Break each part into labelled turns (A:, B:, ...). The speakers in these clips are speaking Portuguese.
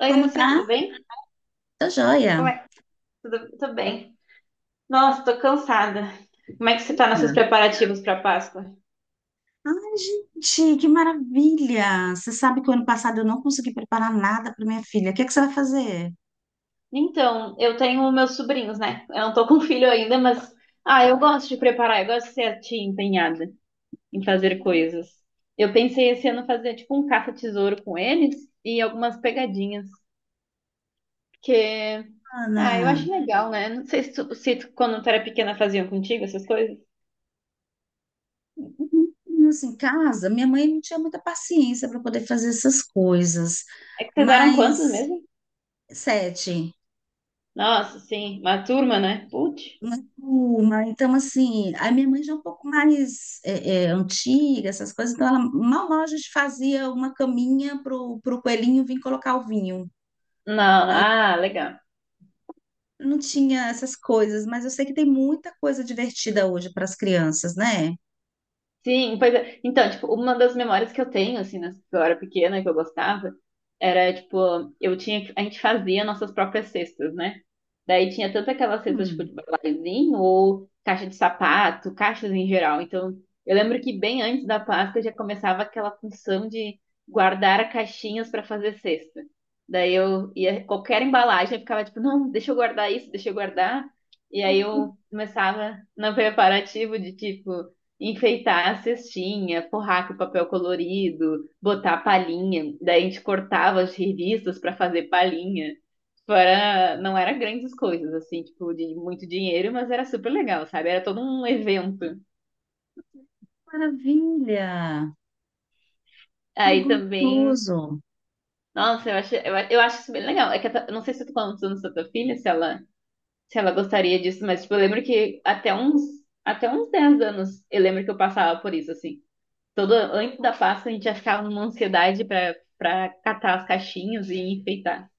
A: Oi,
B: Como tá?
A: Lucia, tudo bem?
B: Tá joia.
A: Como é? Tudo bem. Nossa, tô cansada. Como é que você tá
B: Ana.
A: nesses preparativos pra Páscoa?
B: Ai, gente, que maravilha! Você sabe que o ano passado eu não consegui preparar nada para minha filha. O que é que você vai fazer,
A: Então, eu tenho meus sobrinhos, né? Eu não tô com filho ainda, mas eu gosto de preparar, eu gosto de ser a tia empenhada em fazer coisas. Eu pensei esse ano fazer tipo um caça-tesouro com eles e algumas pegadinhas, porque eu
B: Ana?
A: acho legal, né? Não sei se tu, quando tu era pequena faziam contigo essas coisas.
B: Assim, em casa, minha mãe não tinha muita paciência para poder fazer essas coisas.
A: É que vocês eram quantos
B: Mas,
A: mesmo?
B: sete,
A: Nossa, sim, uma turma, né?
B: né?
A: Putz.
B: Uma turma, então assim, a minha mãe já é um pouco mais antiga, essas coisas, então ela mal mal a gente fazia uma caminha pro coelhinho vir colocar o vinho.
A: Não, ah, legal.
B: Não tinha essas coisas, mas eu sei que tem muita coisa divertida hoje para as crianças, né?
A: Sim, pois é. Então, tipo, uma das memórias que eu tenho, assim, que eu era pequena, que eu gostava, era, tipo, eu tinha, a gente fazia nossas próprias cestas, né? Daí tinha tanto aquelas cestas, tipo,
B: Hum.
A: de balazinho, ou caixa de sapato, caixas em geral. Então, eu lembro que bem antes da Páscoa já começava aquela função de guardar caixinhas para fazer cesta. Daí eu ia, qualquer embalagem, eu ficava, tipo, não, deixa eu guardar isso, deixa eu guardar. E aí
B: Que
A: eu começava no preparativo de, tipo, enfeitar a cestinha, forrar com papel colorido, botar palhinha. Daí a gente cortava as revistas para fazer palhinha. Tipo, era, não era grandes coisas, assim, tipo, de muito dinheiro, mas era super legal, sabe? Era todo um evento.
B: maravilha! Que
A: Aí também,
B: gostoso!
A: nossa, eu acho, eu acho isso bem legal. É que eu não sei se eu tô falando dos anos da tua filha, se ela, se ela gostaria disso, mas, tipo, eu lembro que até uns 10 anos, eu lembro que eu passava por isso, assim. Todo, antes da Páscoa a gente já ficava numa ansiedade pra catar as caixinhas e enfeitar.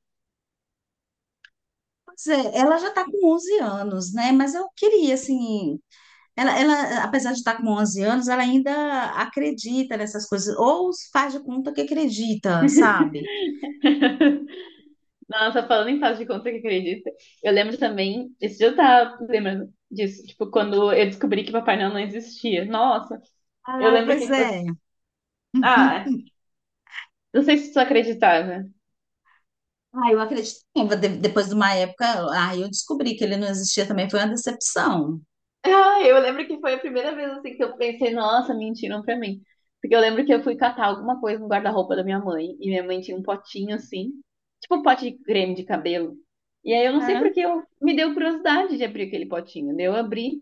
B: Pois é, ela já está com 11 anos, né? Mas eu queria, assim. Ela, apesar de estar com 11 anos, ela ainda acredita nessas coisas, ou faz de conta que acredita, sabe?
A: Nossa, falando em fase de conta que acredita, eu lembro também, esse dia eu tava lembrando disso, tipo, quando eu descobri que Papai Noel não existia. Nossa, eu
B: Ai,
A: lembro que,
B: pois
A: tipo, assim,
B: é.
A: ah, não sei se tu acreditava.
B: Ah, eu acredito. Depois de uma época, aí eu descobri que ele não existia também, foi uma decepção.
A: Ah, eu lembro que foi a primeira vez assim que eu pensei, nossa, mentiram pra mim. Porque eu lembro que eu fui catar alguma coisa no guarda-roupa da minha mãe, e minha mãe tinha um potinho assim, tipo um pote de creme de cabelo. E aí eu não sei porque eu me deu curiosidade de abrir aquele potinho. Daí eu abri,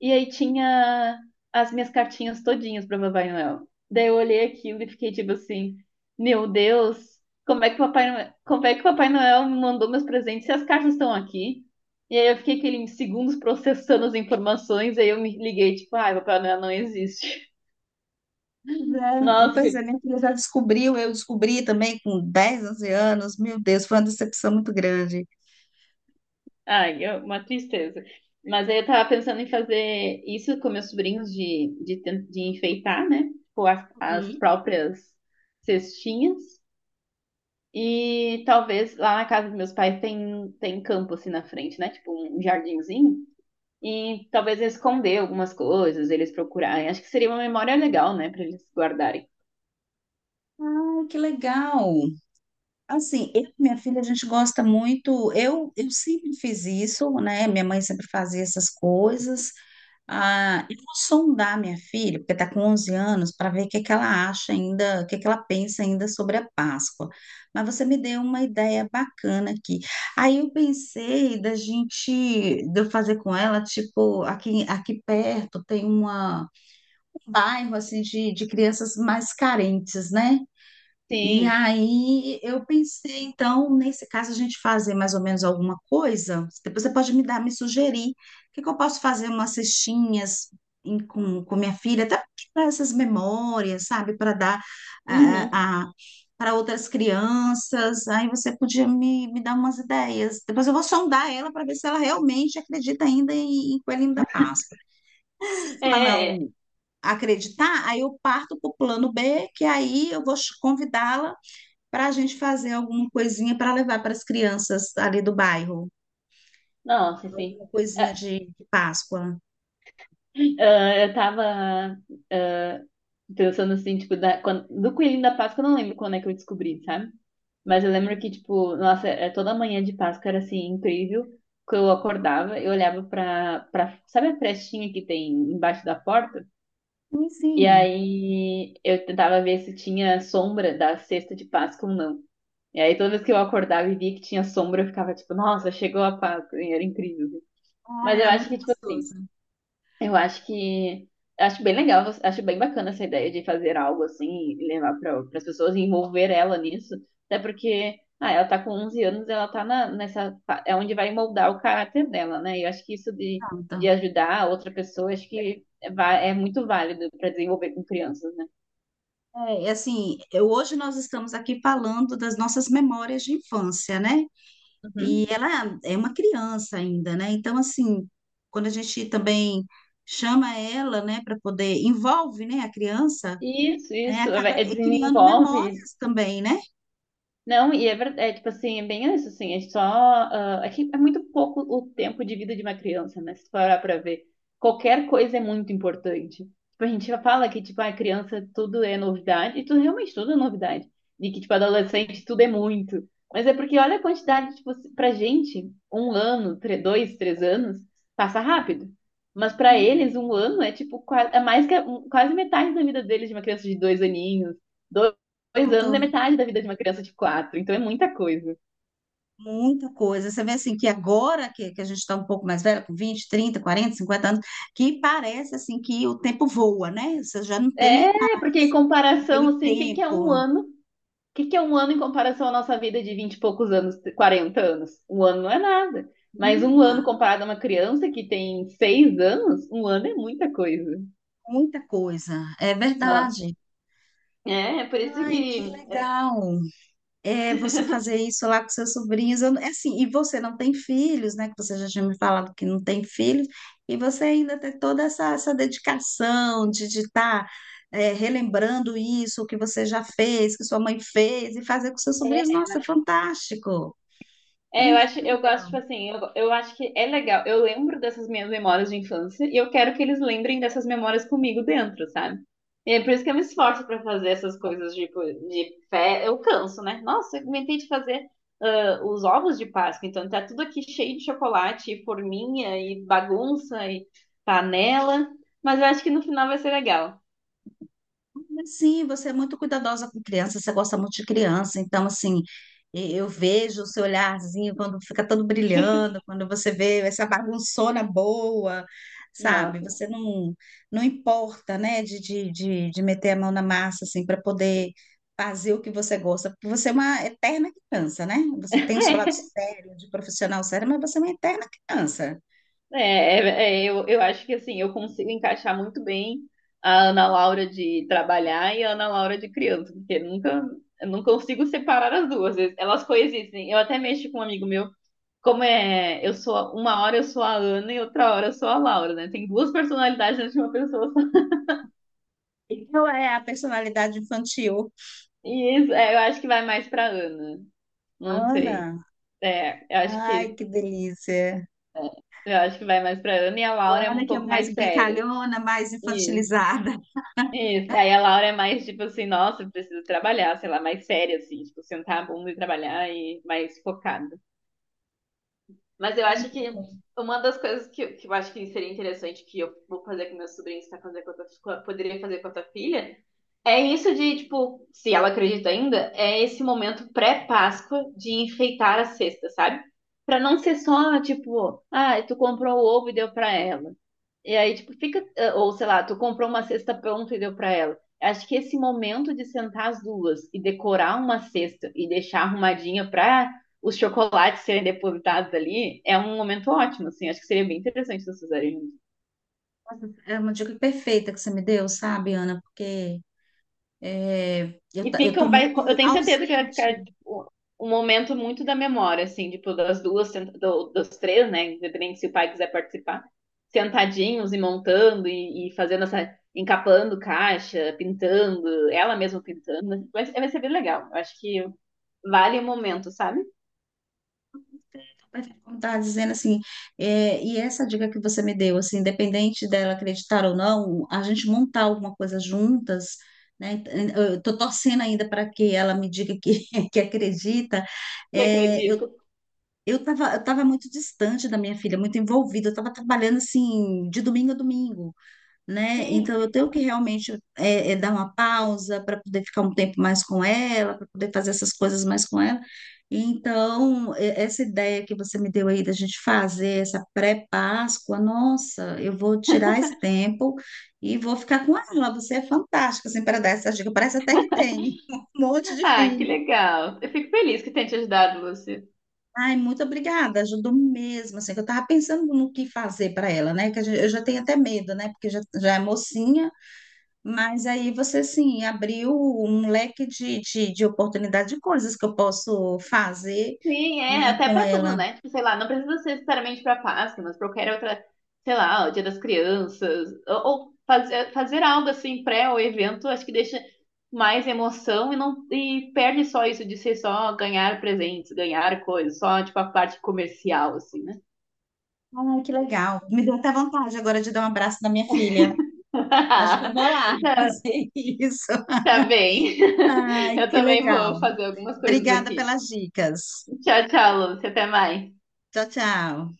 A: e aí tinha as minhas cartinhas todinhas pra Papai Noel. Daí eu olhei aquilo e fiquei tipo assim, meu Deus, como é que o Papai Noel me mandou meus presentes se as cartas estão aqui? E aí eu fiquei aquele segundos processando as informações, aí eu me liguei, tipo, ai, Papai Noel não existe.
B: Pois é, é,
A: Nossa,
B: pois é, minha filha já descobriu, eu descobri também com 10 11 anos. Meu Deus, foi uma decepção muito grande.
A: ai, é uma tristeza. Mas aí eu tava pensando em fazer isso com meus sobrinhos de enfeitar, né? Tipo, as próprias cestinhas. E talvez lá na casa dos meus pais tem campo assim na frente, né? Tipo um jardinzinho. E talvez esconder algumas coisas, eles procurarem. Acho que seria uma memória legal, né? Pra eles guardarem.
B: Ai, que legal! Assim, eu e minha filha, a gente gosta muito. Eu sempre fiz isso, né? Minha mãe sempre fazia essas coisas. Ah, eu vou sondar minha filha, porque está com 11 anos, para ver o que que ela acha ainda, o que que ela pensa ainda sobre a Páscoa. Mas você me deu uma ideia bacana aqui. Aí eu pensei da gente, de eu fazer com ela, tipo, aqui, aqui perto tem uma, um bairro, assim, de crianças mais carentes, né? E
A: Sim.
B: aí eu pensei, então, nesse caso, a gente fazer mais ou menos alguma coisa. Depois você pode me dar, me sugerir. O que que eu posso fazer? Umas cestinhas com minha filha, até para essas memórias, sabe? Para dar eh,
A: Uhum.
B: a, para outras crianças. Aí você podia me dar umas ideias. Depois eu vou sondar ela para ver se ela realmente acredita ainda em Coelhinho da Páscoa. Se
A: É,
B: ela
A: é. é.
B: não acreditar, aí eu parto para o plano B, que aí eu vou convidá-la para a gente fazer alguma coisinha para levar para as crianças ali do bairro,
A: Nossa, sim.
B: alguma coisinha
A: Ah,
B: de Páscoa.
A: eu tava ah, pensando assim, tipo, do Coelhinho da Páscoa, eu não lembro quando é que eu descobri, sabe? Mas eu lembro que, tipo, nossa, é, toda manhã de Páscoa era assim, incrível. Que eu acordava, eu olhava pra. Sabe a frestinha que tem embaixo da porta? E
B: Enfim,
A: aí eu tentava ver se tinha sombra da cesta de Páscoa ou não. E aí toda vez que eu acordava e via que tinha sombra, eu ficava tipo, nossa, chegou a Páscoa, e era incrível.
B: ah,
A: Mas eu
B: era
A: acho
B: muito
A: que, tipo assim.
B: gostoso.
A: Eu acho que acho bem legal, acho bem bacana essa ideia de fazer algo assim e levar para as pessoas e envolver ela nisso, até porque ela tá com 11 anos, ela tá na, é onde vai moldar o caráter dela, né? E eu acho que isso de
B: Pronto.
A: ajudar a outra pessoa, acho que é, é muito válido para desenvolver com crianças, né?
B: É, e assim, hoje nós estamos aqui falando das nossas memórias de infância, né? E
A: Uhum.
B: ela é uma criança ainda, né? Então, assim, quando a gente também chama ela, né, para poder, envolve, né, a criança,
A: Isso,
B: né,
A: isso,
B: acaba
A: é, é,
B: criando
A: desenvolve.
B: memórias também, né?
A: Não, e é verdade, é, tipo assim, é bem isso, assim, é só, ah, é que é muito pouco o tempo de vida de uma criança, né, se parar pra ver, qualquer coisa é muito importante, tipo, a gente já fala que, tipo, a criança tudo é novidade, e tudo, realmente tudo é novidade, e que, tipo, adolescente tudo é muito, mas é porque olha a quantidade, tipo, pra gente, um ano, dois, três anos, passa rápido, mas pra eles, um ano é, tipo, é mais que, quase metade da vida deles de uma criança de 2 aninhos, 2 anos é
B: Pronto.
A: metade da vida de uma criança de 4, então é muita coisa.
B: Muita coisa. Você vê assim que agora que a gente está um pouco mais velha, com 20 30 40 50 anos, que parece assim que o tempo voa, né? Você já não tem
A: É, porque em comparação,
B: aquele
A: assim, o que que é um
B: tempo.
A: ano? O que que é um ano em comparação à nossa vida de 20 e poucos anos, 40 anos? Um ano não é nada. Mas um
B: Muda
A: ano comparado a uma criança que tem 6 anos, um ano é muita coisa.
B: muita coisa. É
A: Ó,
B: verdade.
A: é, é por isso que
B: Ai, que legal. É você fazer isso lá com seus sobrinhos. Eu não- é assim, e você não tem filhos, né? Que você já tinha me falado que não tem filhos, e você ainda tem toda essa, dedicação de estar relembrando isso, o que você já fez, que sua mãe fez, e fazer com seus sobrinhos. Nossa, é fantástico!
A: é, eu
B: Ixi,
A: acho,
B: que
A: eu gosto,
B: legal.
A: tipo assim, eu acho que é legal. Eu lembro dessas minhas memórias de infância e eu quero que eles lembrem dessas memórias comigo dentro, sabe? E é por isso que eu me esforço pra fazer essas coisas, tipo, de fé. Eu canso, né? Nossa, eu inventei de fazer os ovos de Páscoa, então tá tudo aqui cheio de chocolate, e forminha, e bagunça, e panela. Mas eu acho que no final vai ser legal.
B: Sim, você é muito cuidadosa com criança, você gosta muito de criança, então assim, eu vejo o seu olharzinho quando fica todo brilhando, quando você vê essa bagunçona boa,
A: Não.
B: sabe? Você não importa, né, de meter a mão na massa assim para poder fazer o que você gosta, porque você é uma eterna criança, né? Você tem o seu lado sério, de profissional sério, mas você é uma eterna criança.
A: Eu acho que assim, eu consigo encaixar muito bem a Ana Laura de trabalhar e a Ana Laura de criança, porque nunca, eu não consigo separar as duas, elas coexistem. Eu até mexo com um amigo meu, como é, eu sou, uma hora eu sou a Ana e outra hora eu sou a Laura, né? Tem duas personalidades dentro de uma pessoa só.
B: E qual é a personalidade infantil?
A: E isso, é, eu acho que vai mais pra Ana, não
B: Ana,
A: sei. É,
B: ai, que delícia.
A: eu acho que vai mais pra Ana e a Laura
B: A
A: é
B: Ana,
A: um
B: que é
A: pouco
B: mais
A: mais séria.
B: brincalhona, mais infantilizada.
A: Isso. Aí a Laura é mais tipo assim, nossa, eu preciso trabalhar, sei lá, mais séria, assim, tipo, sentar a bunda e trabalhar e mais focada. Mas eu
B: Ai,
A: acho
B: que
A: que
B: bom.
A: uma das coisas que eu acho que seria interessante que eu vou fazer com meus sobrinhos, tá fazer com a tua, poderia fazer com a tua filha, é isso de, tipo, se ela acredita ainda, é esse momento pré-Páscoa de enfeitar a cesta, sabe? Pra não ser só, tipo, ah, tu comprou o ovo e deu pra ela. E aí, tipo, fica, eh, ou sei lá, tu comprou uma cesta pronta e deu pra ela. Acho que esse momento de sentar as duas e decorar uma cesta e deixar arrumadinha pra os chocolates serem depositados ali é um momento ótimo, assim. Acho que seria bem interessante vocês fizerem.
B: Nossa, é uma dica perfeita que você me deu, sabe, Ana? Porque é,
A: E
B: eu tô
A: ficam, vai,
B: muito
A: eu tenho certeza que vai ficar
B: ausente.
A: tipo, um momento muito da memória, assim, tipo, das duas, dos três, né? Independente se o pai quiser participar, sentadinhos e montando e fazendo essa, encapando caixa, pintando, ela mesma pintando. Vai, vai ser bem legal. Eu acho que vale o momento, sabe?
B: É, como estava dizendo, assim, e essa dica que você me deu, assim, independente dela acreditar ou não, a gente montar alguma coisa juntas, né? Eu tô torcendo ainda para que ela me diga que, que acredita.
A: E
B: É, eu
A: acredito.
B: Eu estava eu tava muito distante da minha filha, muito envolvida, eu estava trabalhando assim, de domingo a domingo, né? Então eu
A: Sim.
B: tenho que realmente dar uma pausa para poder ficar um tempo mais com ela, para poder fazer essas coisas mais com ela. Então, essa ideia que você me deu aí da gente fazer essa pré-Páscoa, nossa, eu vou tirar esse tempo e vou ficar com ela. Você é fantástica, assim, para dar essa dica. Parece até que tem um monte de
A: Ah, que
B: filho.
A: legal. Eu fico feliz que tenha te ajudado, Lúcia.
B: Ai, muito obrigada, ajudou mesmo, assim, que eu tava pensando no que fazer para ela, né, que eu já tenho até medo, né, porque já é mocinha, mas aí você, assim, abriu um leque de oportunidade de coisas que eu posso fazer,
A: Sim, é,
B: né,
A: até
B: com
A: pra tudo,
B: ela.
A: né? Tipo, sei lá, não precisa ser necessariamente pra Páscoa, mas pra qualquer outra, sei lá, o Dia das Crianças, ou, fazer algo assim pré ao evento, acho que deixa mais emoção e não e perde só isso de ser só ganhar presentes, ganhar coisas, só tipo a parte comercial assim, né?
B: Ai, que legal, me deu até vontade agora de dar um abraço na minha filha, acho que eu vou lá
A: Tá
B: fazer isso.
A: tá bem.
B: Ai,
A: Eu
B: que
A: também vou
B: legal,
A: fazer algumas coisas
B: obrigada
A: aqui.
B: pelas dicas,
A: Tchau, tchau, Lúcia, até mais.
B: tchau, tchau.